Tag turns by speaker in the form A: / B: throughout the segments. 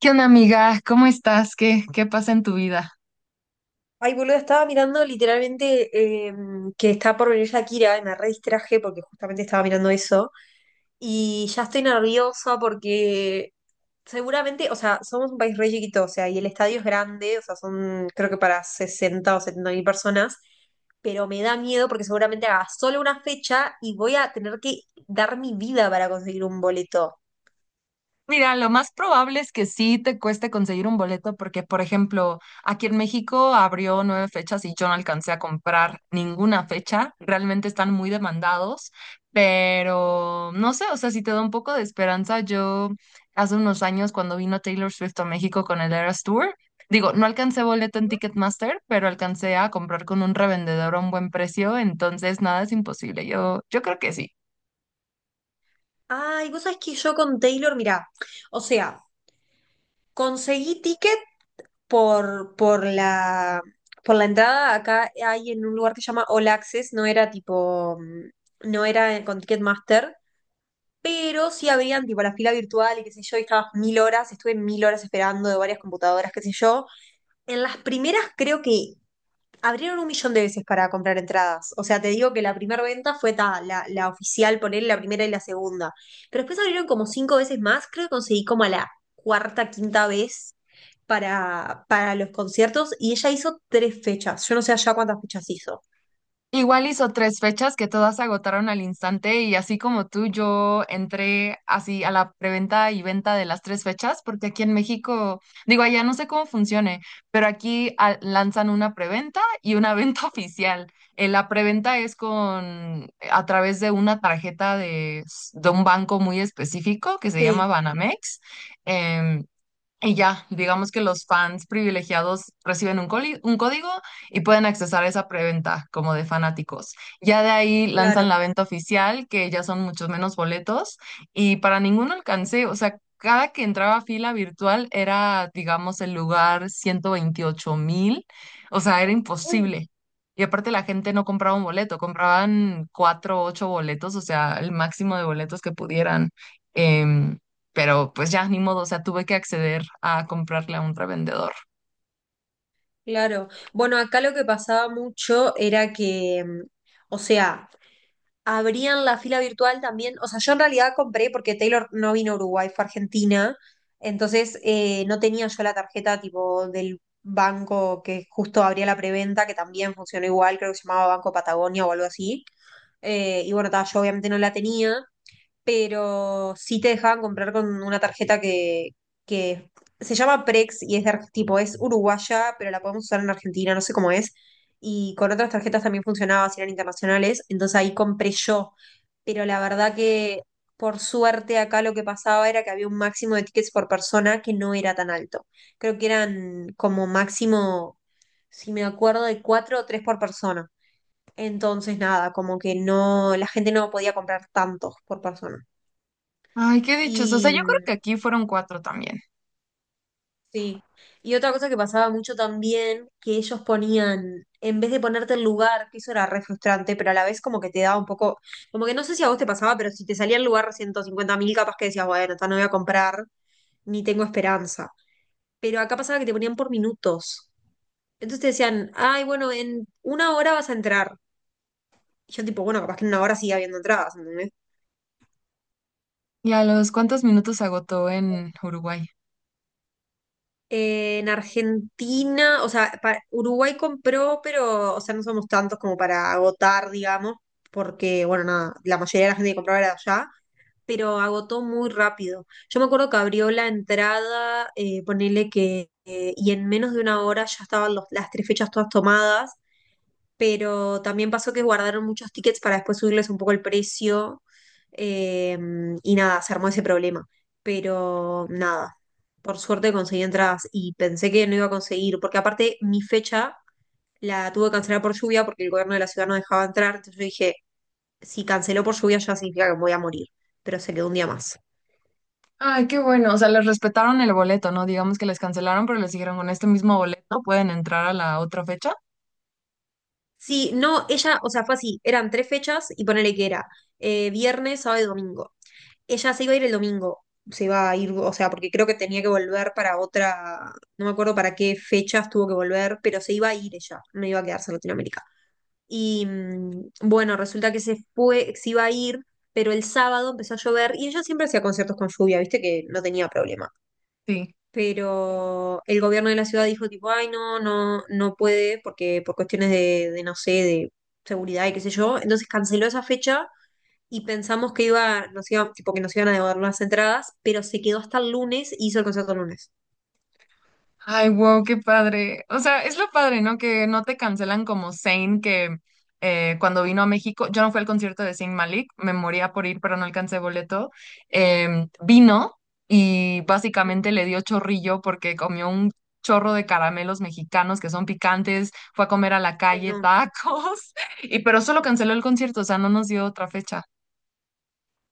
A: ¿Qué onda, amiga? ¿Cómo estás? ¿Qué pasa en tu vida?
B: Ay, boludo, estaba mirando literalmente, eh, que está por venir Shakira y me re distraje porque justamente estaba mirando eso. Y ya estoy nerviosa porque seguramente, o sea, somos un país re chiquito, o sea, y el estadio es grande, o sea, son creo que para 60 o 70 mil personas, pero me da miedo porque seguramente haga solo una fecha y voy a tener que dar mi vida para conseguir un boleto.
A: Mira, lo más probable es que sí te cueste conseguir un boleto porque, por ejemplo, aquí en México abrió nueve fechas y yo no alcancé a comprar ninguna fecha. Realmente están muy demandados, pero no sé, o sea, si te da un poco de esperanza, yo hace unos años cuando vino Taylor Swift a México con el Eras Tour, digo, no alcancé boleto en Ticketmaster, pero alcancé a comprar con un revendedor a un buen precio, entonces nada es imposible. Yo creo que sí.
B: Ay, vos sabés que yo con Taylor, mirá, o sea, conseguí ticket por, por la, por la entrada. Acá hay en un lugar que se llama All Access, no era tipo, no era con Ticketmaster, pero sí habían tipo la fila virtual y qué sé yo, y estabas mil horas, estuve mil horas esperando de varias computadoras, qué sé yo. En las primeras creo que abrieron un millón de veces para comprar entradas. O sea, te digo que la primera venta fue ta, la oficial, poner la primera y la segunda. Pero después abrieron como cinco veces más, creo que conseguí como a la cuarta, quinta vez para los conciertos y ella hizo tres fechas. Yo no sé allá cuántas fechas hizo.
A: Igual hizo tres fechas que todas se agotaron al instante y así como tú, yo entré así a la preventa y venta de las tres fechas, porque aquí en México, digo, allá no sé cómo funcione, pero aquí lanzan una preventa y una venta oficial. La preventa es con a través de una tarjeta de un banco muy específico que se
B: Sí,
A: llama Banamex. em, y ya, digamos que los fans privilegiados reciben un código y pueden accesar esa preventa como de fanáticos. Ya de ahí lanzan
B: claro.
A: la venta oficial, que ya son muchos menos boletos y para ninguno alcancé, o sea, cada que entraba a fila virtual era, digamos, el lugar 128 mil, o sea, era
B: Mm.
A: imposible. Y aparte la gente no compraba un boleto, compraban cuatro, o ocho boletos, o sea, el máximo de boletos que pudieran. em, pero pues ya, ni modo, o sea, tuve que acceder a comprarle a un revendedor.
B: Claro. Bueno, acá lo que pasaba mucho era que, o sea, abrían la fila virtual también. O sea, yo en realidad compré porque Taylor no vino a Uruguay, fue a Argentina. Entonces no tenía yo la tarjeta tipo del banco que justo abría la preventa, que también funcionó igual, creo que se llamaba Banco Patagonia o algo así. Y bueno, ta, yo obviamente no la tenía, pero sí te dejaban comprar con una tarjeta que se llama Prex y es de tipo, es uruguaya, pero la podemos usar en Argentina, no sé cómo es. Y con otras tarjetas también funcionaba, si eran internacionales, entonces ahí compré yo. Pero la verdad que, por suerte, acá lo que pasaba era que había un máximo de tickets por persona que no era tan alto. Creo que eran como máximo, si me acuerdo, de cuatro o tres por persona. Entonces, nada, como que no, la gente no podía comprar tantos por persona.
A: Ay, qué dichos. O sea,
B: Y
A: yo creo que aquí fueron cuatro también.
B: sí, y otra cosa que pasaba mucho también, que ellos ponían, en vez de ponerte el lugar, que eso era re frustrante, pero a la vez como que te daba un poco, como que no sé si a vos te pasaba, pero si te salía el lugar 150.000, capaz que decías, bueno, esta no voy a comprar, ni tengo esperanza. Pero acá pasaba que te ponían por minutos. Entonces te decían, ay, bueno, en una hora vas a entrar. Y yo tipo, bueno, capaz que en una hora sigue habiendo entradas, ¿entendés?
A: ¿Y a los cuántos minutos se agotó en Uruguay?
B: En Argentina, o sea, Uruguay compró, pero, o sea, no somos tantos como para agotar, digamos, porque, bueno, nada, la mayoría de la gente que compraba era de allá, pero agotó muy rápido. Yo me acuerdo que abrió la entrada, ponele que, y en menos de una hora ya estaban las tres fechas todas tomadas, pero también pasó que guardaron muchos tickets para después subirles un poco el precio, eh, y nada, se armó ese problema. Pero nada, por suerte conseguí entradas y pensé que no iba a conseguir, porque aparte mi fecha la tuve que cancelar por lluvia porque el gobierno de la ciudad no dejaba entrar. Entonces yo dije, si canceló por lluvia ya significa que me voy a morir, pero se quedó un día más.
A: Ay, qué bueno. O sea, les respetaron el boleto, ¿no? Digamos que les cancelaron, pero les dijeron con este mismo boleto pueden entrar a la otra fecha.
B: Sí, no, ella, o sea, fue así, eran tres fechas y ponele que era, viernes, sábado y domingo. Ella se iba a ir el domingo, se iba a ir, o sea, porque creo que tenía que volver para otra, no me acuerdo para qué fechas tuvo que volver, pero se iba a ir ella, no iba a quedarse en Latinoamérica. Y bueno, resulta que se fue, se iba a ir, pero el sábado empezó a llover y ella siempre hacía conciertos con lluvia, viste que no tenía problema.
A: Sí.
B: Pero el gobierno de la ciudad dijo tipo, ay, no, no, no puede, porque por cuestiones de, no sé, de seguridad y qué sé yo. Entonces canceló esa fecha y pensamos que iba, nos iba, tipo, que nos iban a devolver las entradas, pero se quedó hasta el lunes y hizo el concierto el lunes.
A: Ay, wow, qué padre. O sea, es lo padre, ¿no? Que no te cancelan como Zayn, que cuando vino a México, yo no fui al concierto de Zayn Malik, me moría por ir, pero no alcancé boleto. Vino y
B: Mm,
A: básicamente le dio chorrillo porque comió un chorro de caramelos mexicanos que son picantes, fue a comer a la
B: ay,
A: calle
B: no.
A: tacos, y pero solo canceló el concierto, o sea, no nos dio otra fecha.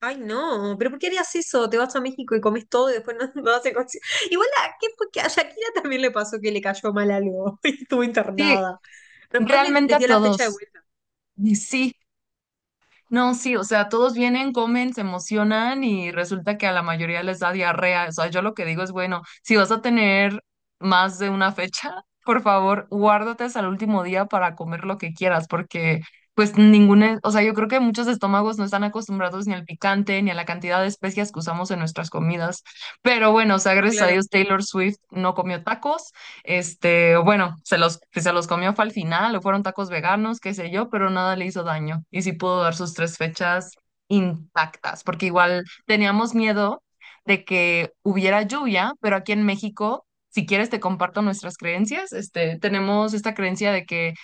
B: Ay, no, pero ¿por qué harías eso? Te vas a México y comes todo y después no, no haces concierto. Igual, ¿a ¿qué fue que a Shakira también le pasó que le cayó mal algo y estuvo
A: Sí,
B: internada? Después les,
A: realmente
B: les
A: a
B: dio la fecha de
A: todos.
B: vuelta.
A: Y sí. No, sí, o sea, todos vienen, comen, se emocionan y resulta que a la mayoría les da diarrea. O sea, yo lo que digo es, bueno, si vas a tener más de una fecha, por favor, guárdate hasta el último día para comer lo que quieras, porque pues ninguna, o sea, yo creo que muchos estómagos no están acostumbrados ni al picante, ni a la cantidad de especias que usamos en nuestras comidas. Pero bueno, o sea,
B: No,
A: gracias a
B: claro.
A: Dios Taylor Swift no comió tacos este, o bueno, se los comió fue al final, o fueron tacos veganos, qué sé yo, pero nada le hizo daño. Y sí pudo dar sus tres
B: Sí.
A: fechas intactas, porque igual teníamos miedo de que hubiera lluvia, pero aquí en México, si quieres te comparto nuestras creencias, este, tenemos esta creencia de que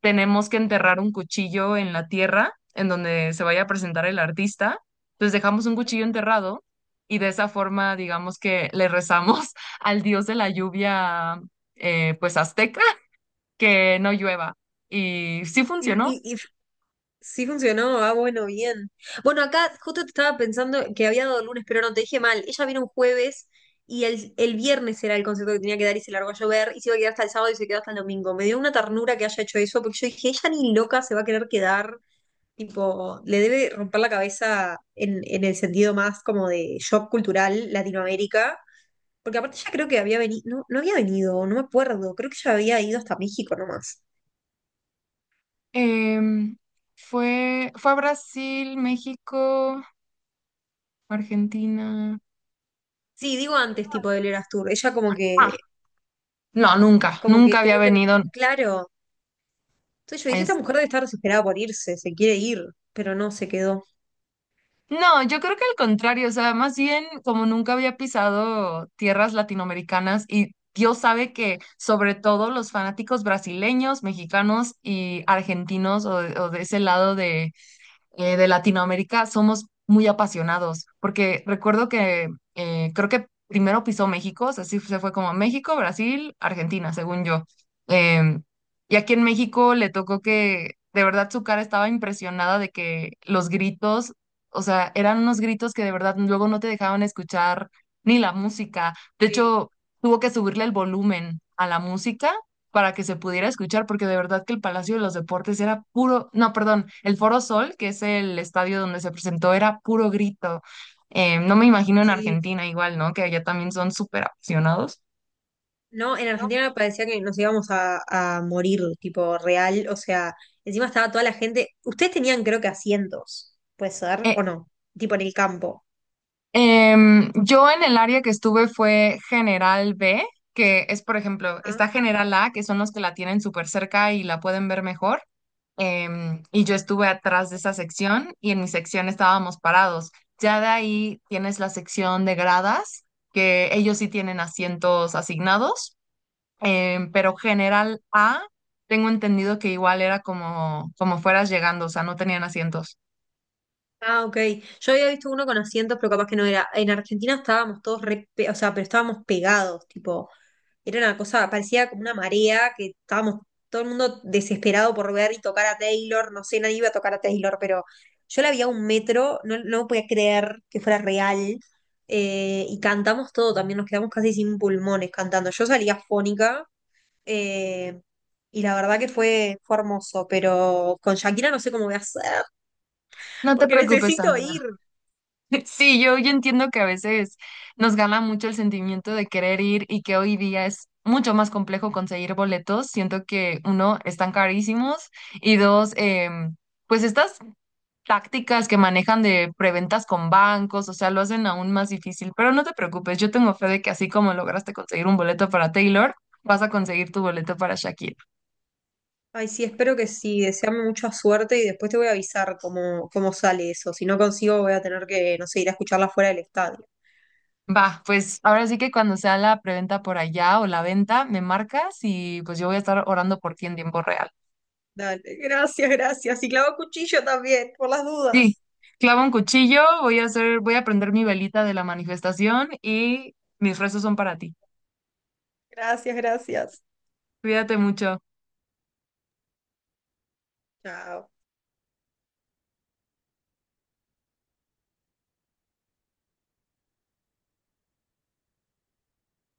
A: tenemos que enterrar un cuchillo en la tierra en donde se vaya a presentar el artista. Entonces dejamos un cuchillo enterrado y de esa forma, digamos que le rezamos al dios de la lluvia, pues azteca, que no llueva. Y sí
B: Y, no-
A: funcionó.
B: y- y sí funcionó, ah, bueno, bien. Bueno, acá justo te estaba pensando que había dado el lunes, pero no, te dije mal. Ella vino un jueves y el viernes era el concierto que tenía que dar y se largó a llover y se iba a quedar hasta el sábado y se quedó hasta el domingo. Me dio una ternura que haya hecho eso porque yo dije, ella ni loca se va a querer quedar, tipo, le debe romper la cabeza en el sentido más como de shock cultural Latinoamérica. Porque aparte ella creo que había venido, no, no había venido, no me acuerdo, creo que ella había ido hasta México nomás.
A: Em, fue a Brasil, México, Argentina.
B: Sí, digo antes, tipo del Eras Tour. Ella como
A: Ah,
B: que
A: no, nunca,
B: Como
A: nunca
B: que
A: había
B: creo que, no,
A: venido.
B: claro. Entonces yo dije, esta mujer debe estar desesperada por irse, se quiere ir, pero no, se quedó.
A: No, yo creo que al contrario, o sea, más bien como nunca había pisado tierras latinoamericanas y Dios sabe que sobre todo los fanáticos brasileños, mexicanos y argentinos o de ese lado de Latinoamérica somos muy apasionados, porque recuerdo que creo que primero pisó México, o sea, sí se fue como México, Brasil, Argentina, según yo. Em, y aquí en México le tocó que de verdad su cara estaba impresionada de que los gritos, o sea, eran unos gritos que de verdad luego no te dejaban escuchar ni la música. De
B: Sí,
A: hecho, tuvo que subirle el volumen a la música para que se pudiera escuchar, porque de verdad que el Palacio de los Deportes era puro, no, perdón, el Foro Sol, que es el estadio donde se presentó, era puro grito. No me imagino en
B: sí.
A: Argentina igual, ¿no? Que allá también son súper apasionados.
B: No, en
A: ¿No?
B: Argentina parecía que nos íbamos a morir, tipo real. O sea, encima estaba toda la gente. Ustedes tenían, creo que, asientos, ¿puede ser?
A: Eh,
B: ¿O no? Tipo en el campo.
A: Yo en el área que estuve fue General B, que es, por ejemplo,
B: Ah,
A: está General A, que son los que la tienen súper cerca y la pueden ver mejor. Y yo estuve atrás de esa sección y en mi sección estábamos parados. Ya de ahí tienes la sección de gradas, que ellos sí tienen asientos asignados, pero General A, tengo entendido que igual era como, como fueras llegando, o sea, no tenían asientos.
B: ah, ok. Yo había visto uno con asientos, pero capaz que no era. En Argentina estábamos todos re, o sea, pero estábamos pegados, tipo. Era una cosa, parecía como una marea, que estábamos todo el mundo desesperado por ver y tocar a Taylor. No sé, nadie iba a tocar a Taylor, pero yo la vi a un metro, no, no podía creer que fuera real. Y cantamos todo también, nos quedamos casi sin pulmones cantando. Yo salía fónica. eh, y la verdad que fue hermoso, pero con Shakira no sé cómo voy a hacer,
A: No te
B: porque
A: preocupes,
B: necesito
A: amiga.
B: ir.
A: Sí, yo entiendo que a veces nos gana mucho el sentimiento de querer ir y que hoy día es mucho más complejo conseguir boletos. Siento que uno, están carísimos y dos, pues estas tácticas que manejan de preventas con bancos, o sea, lo hacen aún más difícil. Pero no te preocupes, yo tengo fe de que así como lograste conseguir un boleto para Taylor, vas a conseguir tu boleto para Shakira.
B: Ay, sí, espero que sí. Deseame mucha suerte y después te voy a avisar cómo sale eso. Si no consigo, voy a tener que, no sé, ir a escucharla fuera del estadio.
A: Va, pues ahora sí que cuando sea la preventa por allá o la venta, me marcas y pues yo voy a estar orando por ti en tiempo real.
B: Dale, gracias, gracias. Y clavo cuchillo también, por las
A: Sí,
B: dudas.
A: clavo un cuchillo, voy a hacer, voy a prender mi velita de la manifestación y mis rezos son para ti.
B: Gracias, gracias.
A: Cuídate mucho.
B: Chao.